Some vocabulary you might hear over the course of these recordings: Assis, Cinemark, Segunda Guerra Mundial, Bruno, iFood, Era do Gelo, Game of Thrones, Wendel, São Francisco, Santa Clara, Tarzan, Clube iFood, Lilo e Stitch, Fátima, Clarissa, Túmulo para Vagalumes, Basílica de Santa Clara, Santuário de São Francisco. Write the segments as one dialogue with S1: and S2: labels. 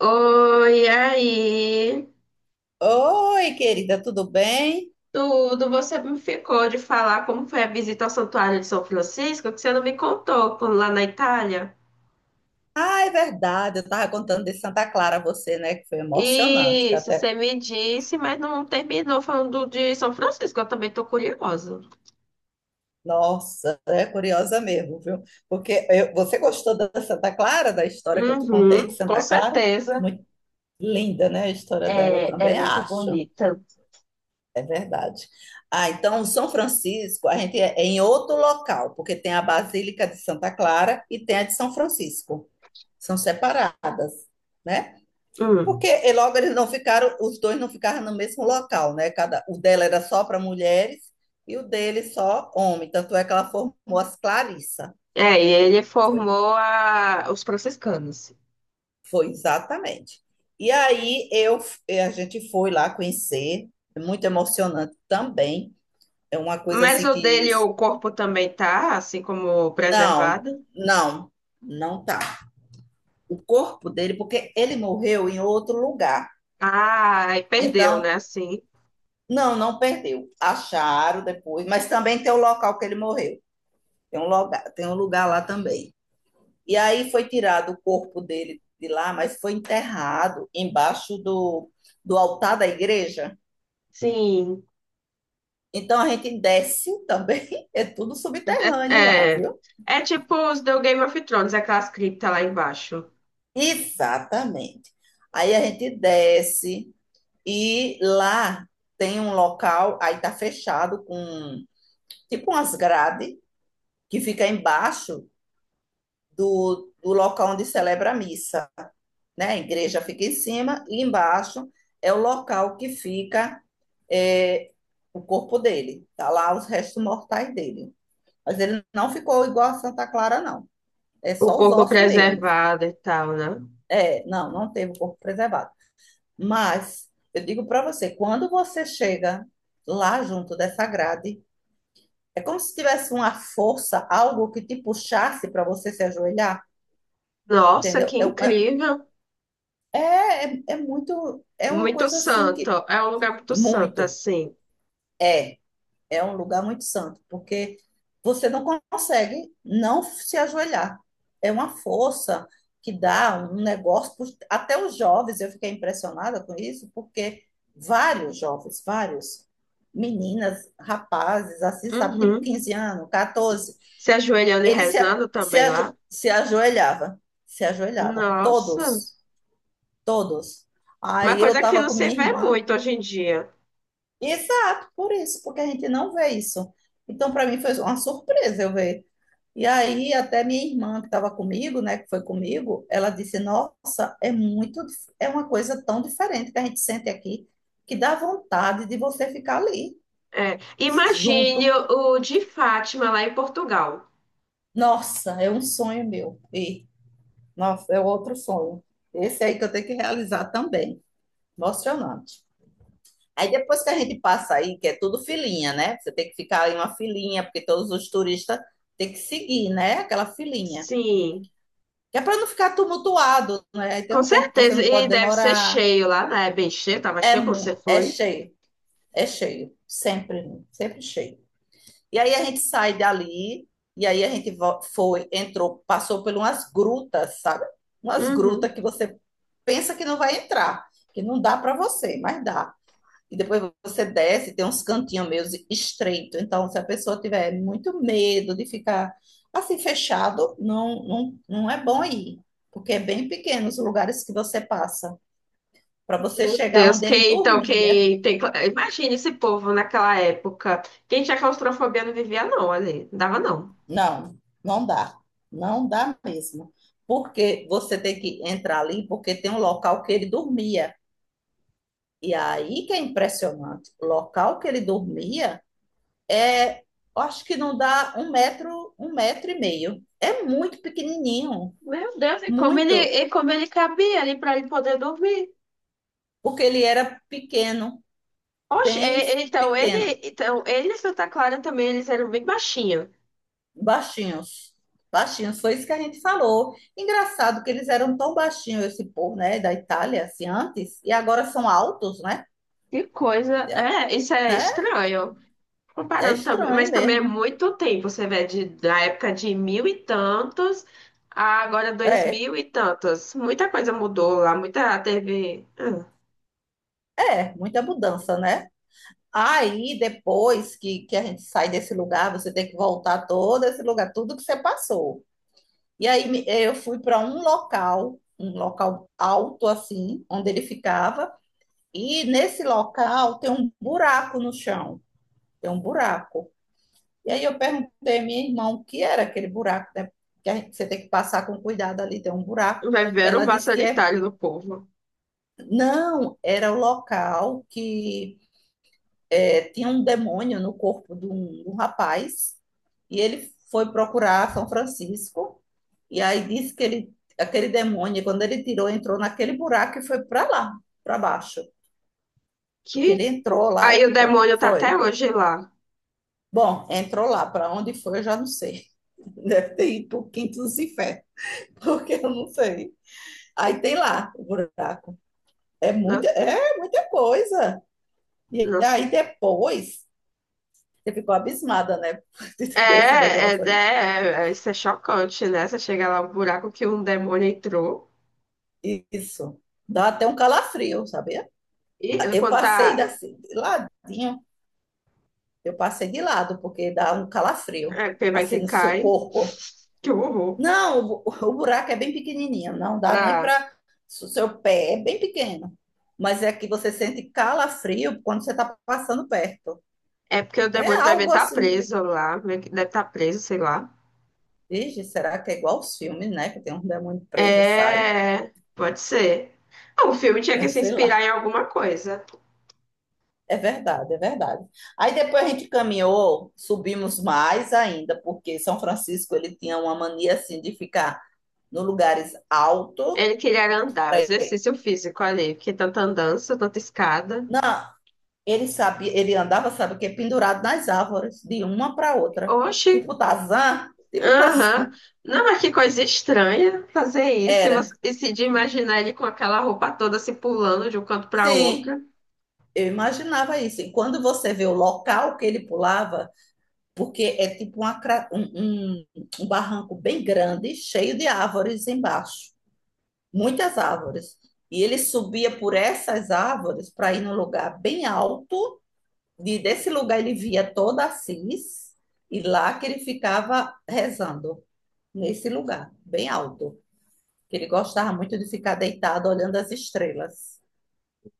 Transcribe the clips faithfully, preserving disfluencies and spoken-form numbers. S1: Oi, aí.
S2: Oi, querida, tudo bem?
S1: Tudo, você me ficou de falar como foi a visita ao Santuário de São Francisco, que você não me contou quando lá na Itália.
S2: Ah, é verdade, eu estava contando de Santa Clara a você, né? Que foi emocionante, que
S1: Isso,
S2: até.
S1: você me disse, mas não terminou falando de São Francisco, eu também tô curiosa.
S2: Nossa, é curiosa mesmo, viu? Porque eu- você gostou da Santa Clara, da história que eu te contei
S1: Uhum,
S2: de
S1: com
S2: Santa Clara?
S1: certeza.
S2: Muito linda, né? A história dela eu
S1: É, é
S2: também,
S1: muito
S2: acho.
S1: bonita.
S2: É verdade. Ah, então, São Francisco, a gente é é em outro local, porque tem a Basílica de Santa Clara e tem a de São Francisco. São separadas, né? Porque
S1: Hum.
S2: e logo eles não ficaram, os dois não ficaram no mesmo local, né? Cada, o dela era só para mulheres e o dele só homem. Tanto é que ela formou as Clarissa.
S1: É, e ele
S2: Foi,
S1: formou a- os franciscanos.
S2: foi exatamente. E aí eu, eh, a gente foi lá conhecer, é muito emocionante também. É uma coisa
S1: Mas
S2: assim
S1: o
S2: que.
S1: dele, o corpo também tá, assim como
S2: Não,
S1: preservado.
S2: não, não tá. O corpo dele, porque ele morreu em outro lugar.
S1: Ah, e perdeu, né?
S2: Então,
S1: Assim.
S2: não, não perdeu. Acharam depois, mas também tem o local que ele morreu. Tem um, lugar, tem um lugar lá também. E aí foi tirado o corpo dele de lá, mas foi enterrado embaixo do, do altar da igreja.
S1: Sim.
S2: Então a gente desce também, é tudo subterrâneo lá,
S1: É, é,
S2: viu?
S1: é tipo os do Game of Thrones, aquelas criptas lá embaixo.
S2: Exatamente. Aí a gente desce e lá tem um local, aí tá fechado com tipo umas grades que fica embaixo do, do local onde celebra a missa. Né? A igreja fica em cima e embaixo é o local que fica é, o corpo dele. Tá lá os restos mortais dele. Mas ele não ficou igual a Santa Clara, não. É
S1: O
S2: só os
S1: corpo
S2: ossos mesmo.
S1: preservado e tal, né?
S2: É, não, não teve o corpo preservado. Mas eu digo para você, quando você chega lá junto dessa grade, é como se tivesse uma força, algo que te puxasse para você se ajoelhar,
S1: Nossa, que
S2: entendeu?
S1: incrível.
S2: É, é é é muito, é uma
S1: Muito
S2: coisa assim
S1: santo.
S2: que
S1: É um lugar muito santo,
S2: muito
S1: assim.
S2: é. É um lugar muito santo, porque você não consegue não se ajoelhar. É uma força que dá um negócio. Até os jovens, eu fiquei impressionada com isso, porque vários jovens, vários meninas, rapazes, assim, sabe, tipo
S1: Uhum.
S2: quinze anos, catorze,
S1: Se ajoelhando e
S2: eles se, a-
S1: rezando
S2: se,
S1: também
S2: ajo-
S1: lá.
S2: se ajoelhava, se ajoelhava,
S1: Nossa.
S2: todos, todos.
S1: Uma
S2: Aí eu
S1: coisa que
S2: estava
S1: não
S2: com
S1: se
S2: minha
S1: vê
S2: irmã.
S1: muito hoje em dia.
S2: Exato, por isso, porque a gente não vê isso. Então, para mim, foi uma surpresa eu ver. E aí, até minha irmã, que estava comigo, né, que foi comigo, ela disse: Nossa, é muito, dif- é uma coisa tão diferente que a gente sente aqui, que dá vontade de você ficar ali,
S1: É. Imagine
S2: junto.
S1: o o de Fátima lá em Portugal.
S2: Nossa, é um sonho meu. E, nossa, é outro sonho. Esse aí que eu tenho que realizar também. Emocionante. Aí depois que a gente passa aí, que é tudo filinha, né? Você tem que ficar em uma filinha, porque todos os turistas têm que seguir, né? Aquela filinha.
S1: Sim,
S2: Que é para não ficar tumultuado, né? Aí tem
S1: com
S2: um tempo que você
S1: certeza.
S2: não
S1: E
S2: pode
S1: deve ser
S2: demorar.
S1: cheio lá, né? É bem cheio, tava
S2: É,
S1: cheio quando você
S2: mu- é
S1: foi.
S2: cheio, é cheio. Sempre, sempre cheio. E aí a gente sai dali, e aí a gente vo- foi, entrou, passou por umas grutas, sabe? Umas grutas
S1: Uhum.
S2: que você pensa que não vai entrar, que não dá para você, mas dá. E depois você desce, tem uns cantinhos meio estreitos. Então, se a pessoa tiver muito medo de ficar assim fechado, não, não, não é bom ir, porque é bem pequeno os lugares que você passa. Para você
S1: Meu
S2: chegar
S1: Deus,
S2: onde ele
S1: quem então,
S2: dormia.
S1: quem tem. Imagine esse povo naquela época. Quem tinha claustrofobia não vivia, não, ali. Não dava, não.
S2: Não, não dá. Não dá mesmo. Porque você tem que entrar ali, porque tem um local que ele dormia. E aí que é impressionante. O local que ele dormia, é, acho que não dá um metro, um metro e meio. É muito pequenininho,
S1: Meu Deus, e como ele,
S2: muito,
S1: e como ele cabia ali para ele poder dormir?
S2: porque ele era pequeno,
S1: Oxe,
S2: bem
S1: é- é- então ele,
S2: pequeno,
S1: então ele e Santa Clara também, eles eram bem baixinhos.
S2: baixinhos, baixinhos. Foi isso que a gente falou. Engraçado que eles eram tão baixinhos, esse povo, né, da Itália, assim, antes, e agora são altos, né?
S1: Que coisa,
S2: É,
S1: é, isso é
S2: né?
S1: estranho.
S2: É
S1: Comparando também,
S2: estranho
S1: mas também é
S2: mesmo.
S1: muito tempo, você vê, de, da época de mil e tantos a agora dois
S2: É,
S1: mil e tantos. Muita coisa mudou lá, muita teve. hum,
S2: é, muita mudança, né? Aí, depois que, que a gente sai desse lugar, você tem que voltar todo esse lugar, tudo que você passou. E aí eh, eu fui para um local, um local alto assim, onde ele ficava, e nesse local tem um buraco no chão, tem um buraco. E aí eu perguntei à minha irmã o que era aquele buraco, né? Que a gente- você tem que passar com cuidado ali, tem um buraco.
S1: Vai ver o
S2: Ela
S1: vaso
S2: disse que é,
S1: sanitário do povo.
S2: não, era o local que é, tinha um demônio no corpo de um, de um rapaz e ele foi procurar São Francisco e aí disse que ele, aquele demônio, quando ele tirou, entrou naquele buraco e foi para lá, para baixo.
S1: Que
S2: Que ele entrou lá
S1: aí
S2: e
S1: o
S2: ficou.
S1: demônio tá até
S2: Foi.
S1: hoje lá.
S2: Bom, entrou lá, para onde foi eu já não sei. Deve ter ido para o quinto dos infernos, porque eu não sei. Aí tem lá o buraco. É muita,
S1: Nossa,
S2: é muita coisa. E
S1: nossa.
S2: aí depois você ficou abismada, né?
S1: É,
S2: Desse
S1: é,
S2: negócio aí.
S1: é, é, isso é chocante, né? Você chega lá, um buraco que um demônio entrou.
S2: Isso. Dá até um calafrio, sabia?
S1: E ele
S2: Eu
S1: quando
S2: passei
S1: tá.
S2: da- assim, de ladinho, eu passei de lado, porque dá um calafrio,
S1: É, quem vai
S2: assim,
S1: quem
S2: no seu
S1: cai.
S2: corpo.
S1: Que horror.
S2: Não, o, bu- o buraco é bem pequenininho, não dá nem
S1: Ah,
S2: para. O seu pé é bem pequeno, mas é que você sente calafrio quando você está passando perto.
S1: é porque o
S2: É
S1: demônio vai ver
S2: algo
S1: tá
S2: assim, de,
S1: preso lá. Meio que deve estar tá preso, sei lá.
S2: "Vixe, será que é igual aos filmes, né? Que tem um demônio preso e sai,
S1: É. Pode ser. Ah, o filme tinha que
S2: eu
S1: se
S2: sei
S1: inspirar
S2: lá.
S1: em alguma coisa.
S2: É verdade, é verdade. Aí depois a gente caminhou, subimos mais ainda, porque São Francisco ele tinha uma mania assim de ficar nos lugares altos.
S1: Ele queria andar, exercício físico ali, porque tanta andança, tanta escada.
S2: Não, ele sabia, ele andava, sabe o quê? Pendurado nas árvores, de uma para outra.
S1: Oxi,
S2: Tipo Tarzan, tipo
S1: aham.
S2: Tarzan.
S1: Não, mas que coisa estranha fazer isso e, você,
S2: Era.
S1: e se de imaginar ele com aquela roupa toda se pulando de um canto para outro.
S2: Sim, eu imaginava isso. E quando você vê o local que ele pulava, porque é tipo uma cra- um, um um barranco bem grande, cheio de árvores embaixo. Muitas árvores. E ele subia por essas árvores para ir num lugar bem alto, e desse lugar ele via toda Assis, e lá que ele ficava rezando, nesse lugar, bem alto. Que ele gostava muito de ficar deitado olhando as estrelas.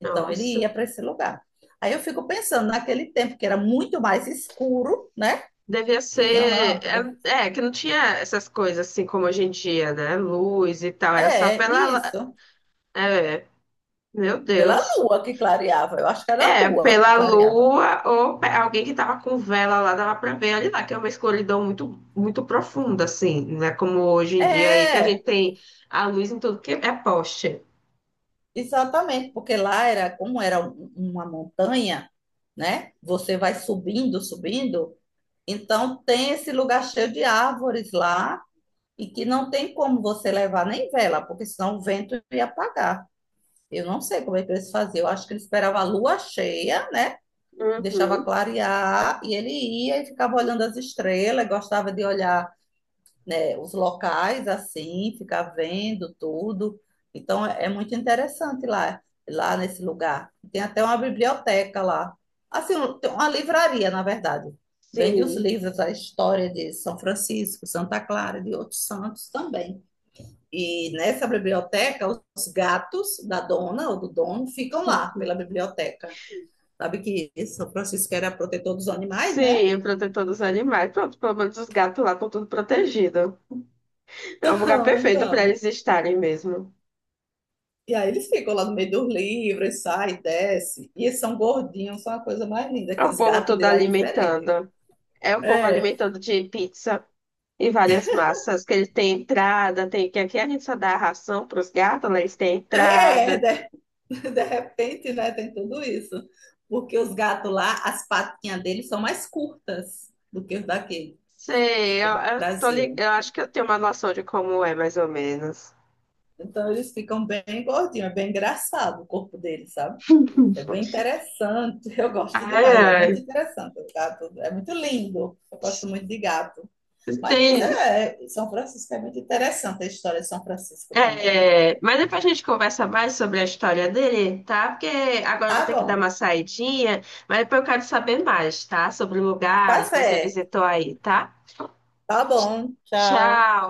S2: Então ele
S1: Nossa,
S2: ia para esse lugar. Aí eu fico pensando naquele tempo que era muito mais escuro, né?
S1: devia
S2: Não tinha
S1: ser.
S2: lâmpada.
S1: É, é, que não tinha essas coisas assim como hoje em dia, né? Luz e tal, era só
S2: É,
S1: pela. la-
S2: isso.
S1: É, meu
S2: Pela
S1: Deus.
S2: lua que clareava. Eu acho que era a
S1: É,
S2: lua que
S1: pela
S2: clareava.
S1: lua ou pe- alguém que tava com vela lá, dava pra ver ali lá, que é uma escuridão muito, muito profunda, assim, né? Como hoje em dia aí, que a gente
S2: É,
S1: tem a luz em tudo que é poste.
S2: exatamente, porque lá era como era um- uma montanha, né? Você vai subindo, subindo, então tem esse lugar cheio de árvores lá e que não tem como você levar nem vela, porque senão o vento ia apagar. Eu não sei como é que eles faziam. Eu acho que eles esperavam a lua cheia, né? Deixava
S1: Uhum.
S2: clarear e ele ia e ficava olhando as estrelas, gostava de olhar, né, os locais assim, ficar vendo tudo. Então é é muito interessante lá, lá nesse lugar. Tem até uma biblioteca lá. Assim, um- tem uma livraria, na verdade. Vende os
S1: Sim.
S2: livros, a história de São Francisco, Santa Clara, de outros santos também. E nessa biblioteca, os gatos da dona ou do dono ficam lá pela biblioteca. Sabe que São Francisco era protetor dos animais, né?
S1: Sim, protetor dos animais. Pronto, pelo menos os gatos lá estão tudo protegidos. É um lugar
S2: Então,
S1: perfeito para eles
S2: então.
S1: estarem mesmo.
S2: E aí eles ficam lá no meio dos livros, sai, desce. E eles são gordinhos, são a coisa mais linda,
S1: É
S2: que
S1: o
S2: os
S1: povo
S2: gatos
S1: todo
S2: de lá é diferente.
S1: alimentando. É o povo
S2: É,
S1: alimentando de pizza. E várias massas que ele tem entrada, tem que aqui a gente só dá ração para os gatos, né? Eles têm
S2: é,
S1: entrada.
S2: de, de repente, né, tem tudo isso. Porque os gatos lá, as patinhas deles são mais curtas do que os daqui,
S1: Sei,
S2: do
S1: eu, eu tô li-
S2: Brasil.
S1: eu acho que eu tenho uma noção de como é, mais ou menos.
S2: Então eles ficam bem gordinhos, é bem engraçado o corpo deles, sabe? É bem interessante, eu gosto demais, é muito
S1: Ah,
S2: interessante. O gato é muito lindo, eu gosto muito de gato. Mas
S1: tem.
S2: é, São Francisco é muito interessante a história de São Francisco também.
S1: É, mas depois a gente conversa mais sobre a história dele, tá? Porque agora eu vou
S2: Tá
S1: ter que dar
S2: bom.
S1: uma saidinha, mas depois eu quero saber mais, tá? Sobre
S2: Tá
S1: lugares que você
S2: certo.
S1: visitou aí, tá?
S2: Tá
S1: Tch-
S2: bom. Tchau.
S1: Tchau.